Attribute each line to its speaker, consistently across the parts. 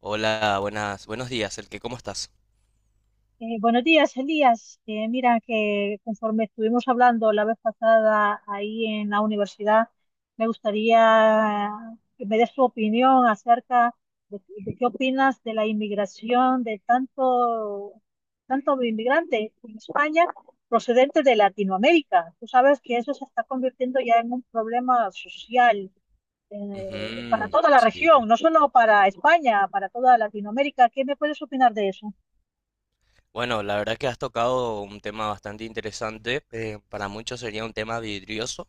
Speaker 1: Hola, buenas, buenos días, el que, ¿cómo estás?
Speaker 2: Buenos días, Elías. Mira que conforme estuvimos hablando la vez pasada ahí en la universidad, me gustaría que me des tu opinión acerca de qué opinas de la inmigración de tanto inmigrante en España procedente de Latinoamérica. Tú sabes que eso se está convirtiendo ya en un problema social eh, para
Speaker 1: Ujú,
Speaker 2: toda la
Speaker 1: sí.
Speaker 2: región, no solo para España, para toda Latinoamérica. ¿Qué me puedes opinar de eso?
Speaker 1: Bueno, la verdad que has tocado un tema bastante interesante. Para muchos sería un tema vidrioso.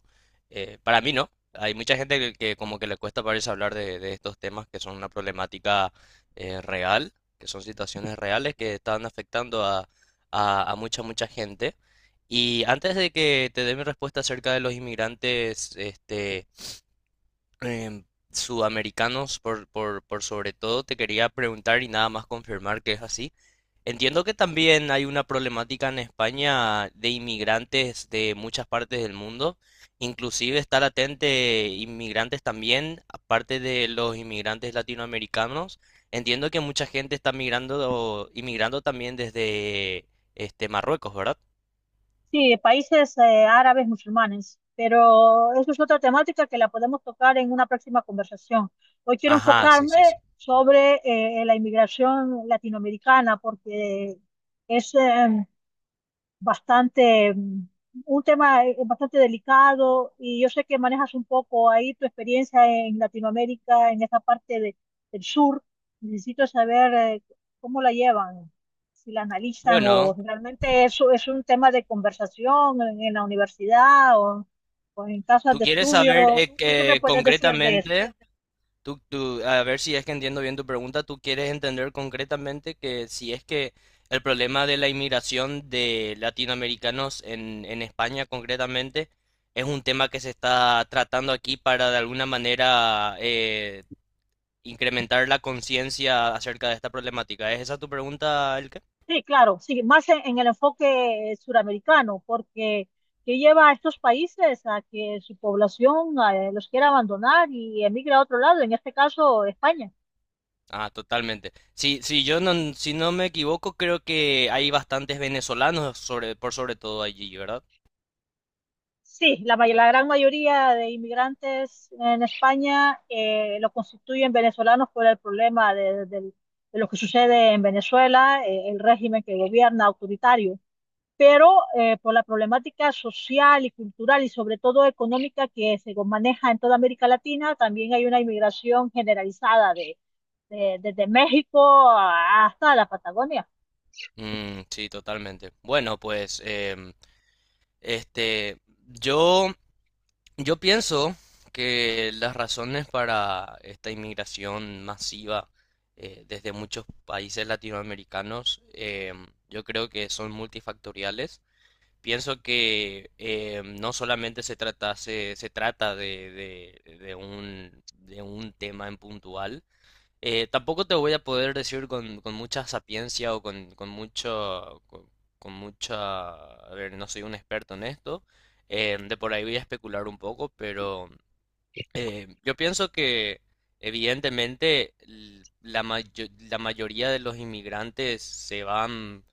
Speaker 1: Para mí no. Hay mucha gente que como que le cuesta parece hablar de estos temas que son una problemática real, que son situaciones reales que están afectando a mucha gente. Y antes de que te dé mi respuesta acerca de los inmigrantes, em, sudamericanos por sobre todo, te quería preguntar y nada más confirmar que es así. Entiendo que también hay una problemática en España de inmigrantes de muchas partes del mundo, inclusive estar atente inmigrantes también, aparte de los inmigrantes latinoamericanos. Entiendo que mucha gente está migrando, inmigrando también desde este Marruecos, ¿verdad?
Speaker 2: Sí, países árabes musulmanes, pero eso es otra temática que la podemos tocar en una próxima conversación. Hoy quiero
Speaker 1: Ajá, sí,
Speaker 2: enfocarme
Speaker 1: sí, sí.
Speaker 2: sobre la inmigración latinoamericana porque es, eh, bastante, mm, un tema bastante delicado y yo sé que manejas un poco ahí tu experiencia en Latinoamérica, en esta del sur. Necesito saber cómo la llevan, si la analizan
Speaker 1: Bueno,
Speaker 2: o realmente eso es un tema de conversación en la universidad o en casas
Speaker 1: tú
Speaker 2: de
Speaker 1: quieres saber
Speaker 2: estudio. ¿Tú qué me
Speaker 1: que
Speaker 2: puedes decir de eso?
Speaker 1: concretamente Tú, tú- a ver si es que entiendo bien tu pregunta, tú quieres entender concretamente que si es que el problema de la inmigración de latinoamericanos en España concretamente es un tema que se está tratando aquí para de alguna manera incrementar la conciencia acerca de esta problemática. ¿Es esa tu pregunta, Elke?
Speaker 2: Sí, claro, sí, más en el enfoque suramericano, porque que lleva a estos países a que su población los quiera abandonar y emigra a otro lado, en este caso España.
Speaker 1: Ah, totalmente. Si, si yo no, si no me equivoco, creo que hay bastantes venezolanos por sobre todo allí, ¿verdad?
Speaker 2: Sí, la gran mayoría de inmigrantes en España lo constituyen venezolanos por el problema de lo que sucede en Venezuela, el régimen que gobierna autoritario. Pero por la problemática social y cultural y sobre todo económica que se maneja en toda América Latina, también hay una inmigración generalizada desde México hasta la Patagonia.
Speaker 1: Mm, sí, totalmente. Bueno, pues, Este, yo, yo pienso que las razones para esta inmigración masiva desde muchos países latinoamericanos, yo creo que son multifactoriales. Pienso que no solamente se trata, se trata de, de un tema en puntual, tampoco te voy a poder decir con mucha sapiencia o con mucho, con mucha, a ver, no soy un experto en esto, de por ahí voy a especular un poco, pero yo pienso que evidentemente la mayoría de los inmigrantes se van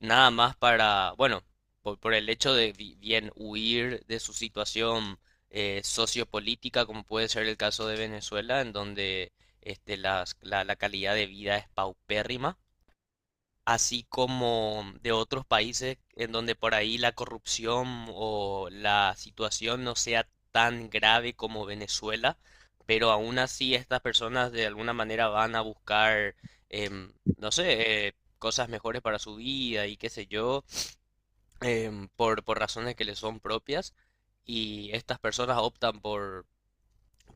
Speaker 1: nada más para, bueno, por el hecho de bien huir de su situación sociopolítica, como puede ser el caso de Venezuela, en donde la calidad de vida es paupérrima, así como de otros países en donde por ahí la corrupción o la situación no sea tan grave como Venezuela, pero aún así estas personas de alguna manera van a buscar, no sé, cosas mejores para su vida y qué sé yo, por razones que les son propias, y estas personas optan por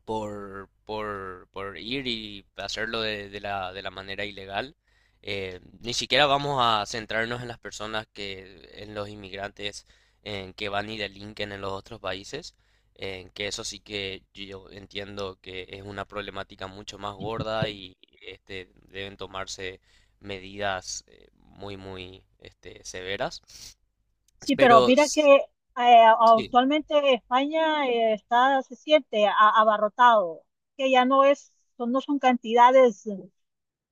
Speaker 1: por ir y hacerlo de la manera ilegal. Ni siquiera vamos a centrarnos en las personas que, en los inmigrantes que van y delinquen en los otros países, que eso sí que yo entiendo que es una problemática mucho más gorda y este, deben tomarse medidas muy este, severas.
Speaker 2: Sí, pero
Speaker 1: Pero
Speaker 2: mira que
Speaker 1: s- sí,
Speaker 2: actualmente España se siente abarrotado, que ya no no son cantidades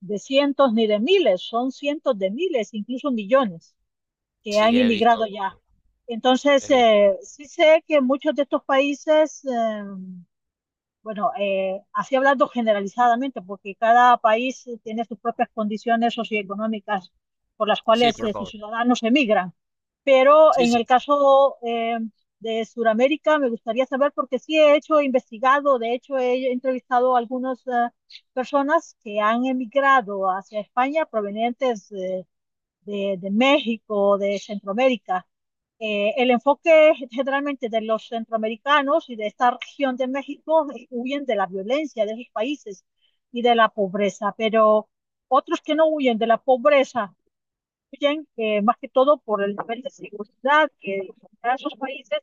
Speaker 2: de cientos ni de miles, son cientos de miles, incluso millones que han
Speaker 1: sí, he visto,
Speaker 2: inmigrado ya.
Speaker 1: he
Speaker 2: Entonces,
Speaker 1: visto.
Speaker 2: sí sé que muchos de estos países, bueno, así hablando generalizadamente, porque cada país tiene sus propias condiciones socioeconómicas por las
Speaker 1: Sí,
Speaker 2: cuales
Speaker 1: por
Speaker 2: sus
Speaker 1: favor.
Speaker 2: ciudadanos emigran. Pero
Speaker 1: Sí,
Speaker 2: en el
Speaker 1: sí.
Speaker 2: caso de Sudamérica, me gustaría saber, porque sí he hecho, he investigado, de hecho he entrevistado a algunas personas que han emigrado hacia España provenientes de México, de Centroamérica. El enfoque generalmente de los centroamericanos y de esta región de México huyen de la violencia de sus países y de la pobreza, pero otros que no huyen de la pobreza huyen más que todo por el nivel de seguridad que en esos países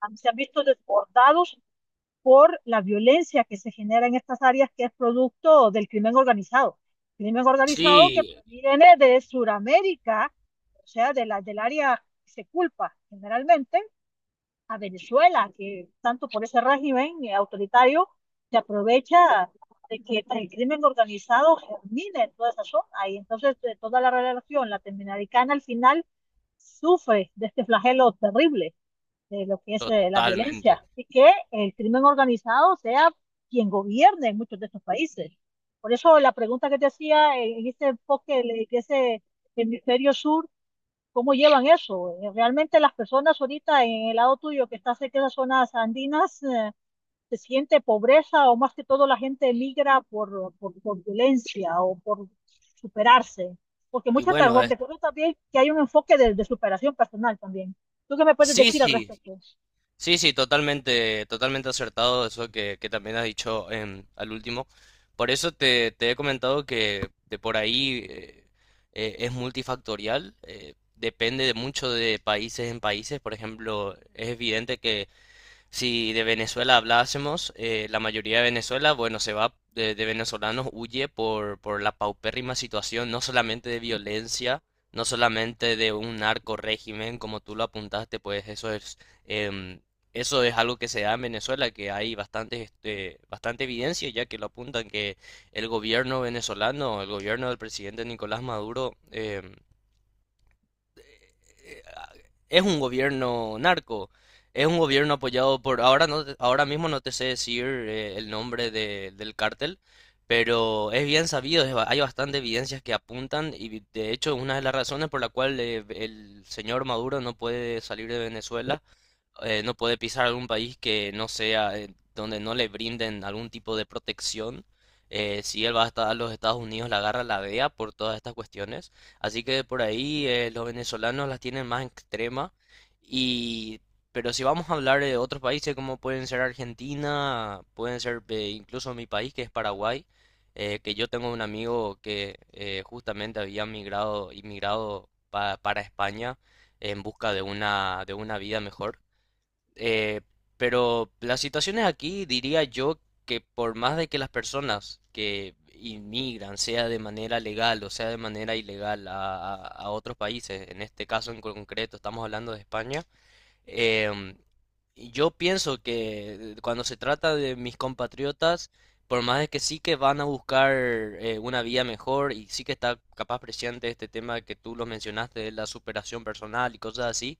Speaker 2: se han visto desbordados por la violencia que se genera en estas áreas que es producto del crimen organizado. Crimen organizado que
Speaker 1: Sí,
Speaker 2: proviene de Sudamérica, o sea, de del área que se culpa generalmente a Venezuela, que tanto por ese régimen autoritario se aprovecha de que el crimen organizado germine en toda esa zona y entonces toda la relación latinoamericana al final sufre de este flagelo terrible de lo que es la
Speaker 1: totalmente.
Speaker 2: violencia y que el crimen organizado sea quien gobierne en muchos de estos países. Por eso la pregunta que te hacía en este enfoque, de ese hemisferio sur, ¿cómo llevan eso? Realmente las personas ahorita en el lado tuyo que está cerca de las zonas andinas, ¿se siente pobreza o más que todo la gente migra por violencia o por superarse? Porque
Speaker 1: Y
Speaker 2: muchas te
Speaker 1: bueno, es-
Speaker 2: recuerdo también que hay un enfoque de superación personal también. ¿Tú qué me puedes
Speaker 1: sí,
Speaker 2: decir al
Speaker 1: sí,
Speaker 2: respecto?
Speaker 1: sí, sí, totalmente, totalmente acertado eso que también has dicho al último. Por eso te he comentado que de por ahí es multifactorial, depende de mucho de países en países. Por ejemplo, es evidente que si de Venezuela hablásemos, la mayoría de Venezuela, bueno, se va de venezolanos, huye por la paupérrima situación, no solamente de violencia, no solamente de un narco régimen, como tú lo apuntaste, pues eso es, em, eso es algo que se da en Venezuela, que hay bastante, este, bastante evidencia, ya que lo apuntan que el gobierno venezolano, el gobierno del presidente Nicolás Maduro, eh, es un gobierno narco, es un gobierno apoyado por, ahora no, ahora mismo no te sé decir el nombre del cártel, pero es bien sabido, hay bastante evidencias que apuntan y de hecho una de las razones por la cual el señor Maduro no puede salir de Venezuela no puede pisar algún país que no sea, donde no le brinden algún tipo de protección. Si él va a estar a los Estados Unidos, la agarra la DEA por todas estas cuestiones. Así que por ahí los venezolanos las tienen más extrema. Y, pero si vamos a hablar de otros países como pueden ser Argentina, pueden ser incluso mi país que es Paraguay, que yo tengo un amigo que justamente había migrado, inmigrado para España en busca de una vida mejor. Eh, pero las situaciones aquí diría yo que por más de que las personas que inmigran, sea de manera legal o sea de manera ilegal a otros países, en este caso en concreto estamos hablando de España, em, y yo pienso que cuando se trata de mis compatriotas, por más de que sí que van a buscar una vía mejor y sí que está capaz presente este tema que tú lo mencionaste de la superación personal y cosas así,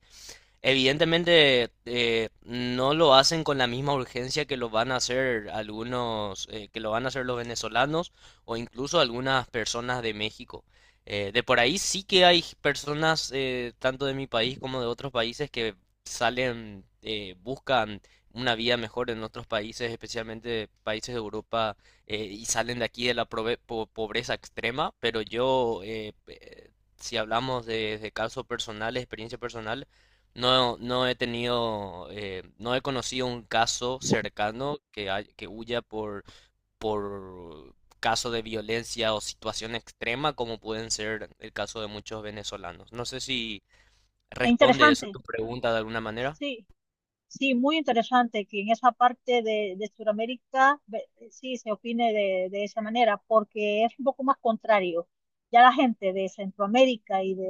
Speaker 1: evidentemente no lo hacen con la misma urgencia que lo van a hacer algunos, que lo van a hacer los venezolanos o incluso algunas personas de México. De por ahí sí que hay personas tanto de mi país como de otros países que salen, buscan una vida mejor en otros países, especialmente países de Europa, y salen de aquí de la pobreza extrema, pero yo, si hablamos de caso personal, experiencia personal, no, no he tenido, no he conocido un caso cercano que huya por caso de violencia o situación extrema como pueden ser el caso de muchos venezolanos. No sé si responde eso
Speaker 2: Interesante,
Speaker 1: tu pregunta de alguna manera.
Speaker 2: sí, sí, muy interesante que en esa parte de Sudamérica sí se opine de esa manera, porque es un poco más contrario. Ya la gente de Centroamérica y de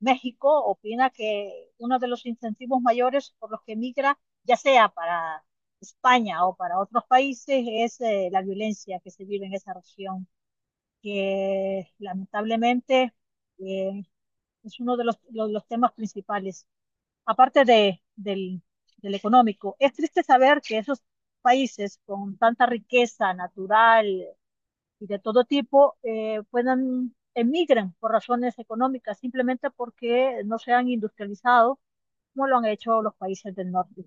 Speaker 2: México opina que uno de los incentivos mayores por los que migra, ya sea para España o para otros países, es la violencia que se vive en esa región, que lamentablemente eh, es uno de los temas principales aparte del económico. Es triste saber que esos países con tanta riqueza natural y de todo tipo puedan emigran por razones económicas, simplemente porque no se han industrializado como lo han hecho los países del norte.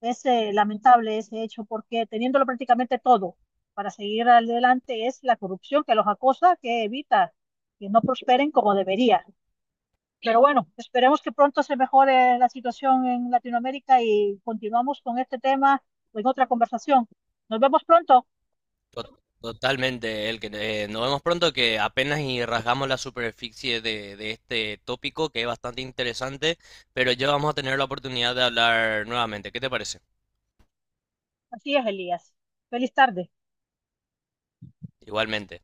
Speaker 2: Es lamentable ese hecho porque teniéndolo prácticamente todo para seguir adelante es la corrupción que los acosa, que evita que no prosperen como debería. Pero bueno, esperemos que pronto se mejore la situación en Latinoamérica y continuamos con este tema en otra conversación. Nos vemos pronto.
Speaker 1: Totalmente, el que nos vemos pronto que apenas y rasgamos la superficie de este tópico que es bastante interesante, pero ya vamos a tener la oportunidad de hablar nuevamente. ¿Qué te parece?
Speaker 2: Así es, Elías. Feliz tarde.
Speaker 1: Igualmente.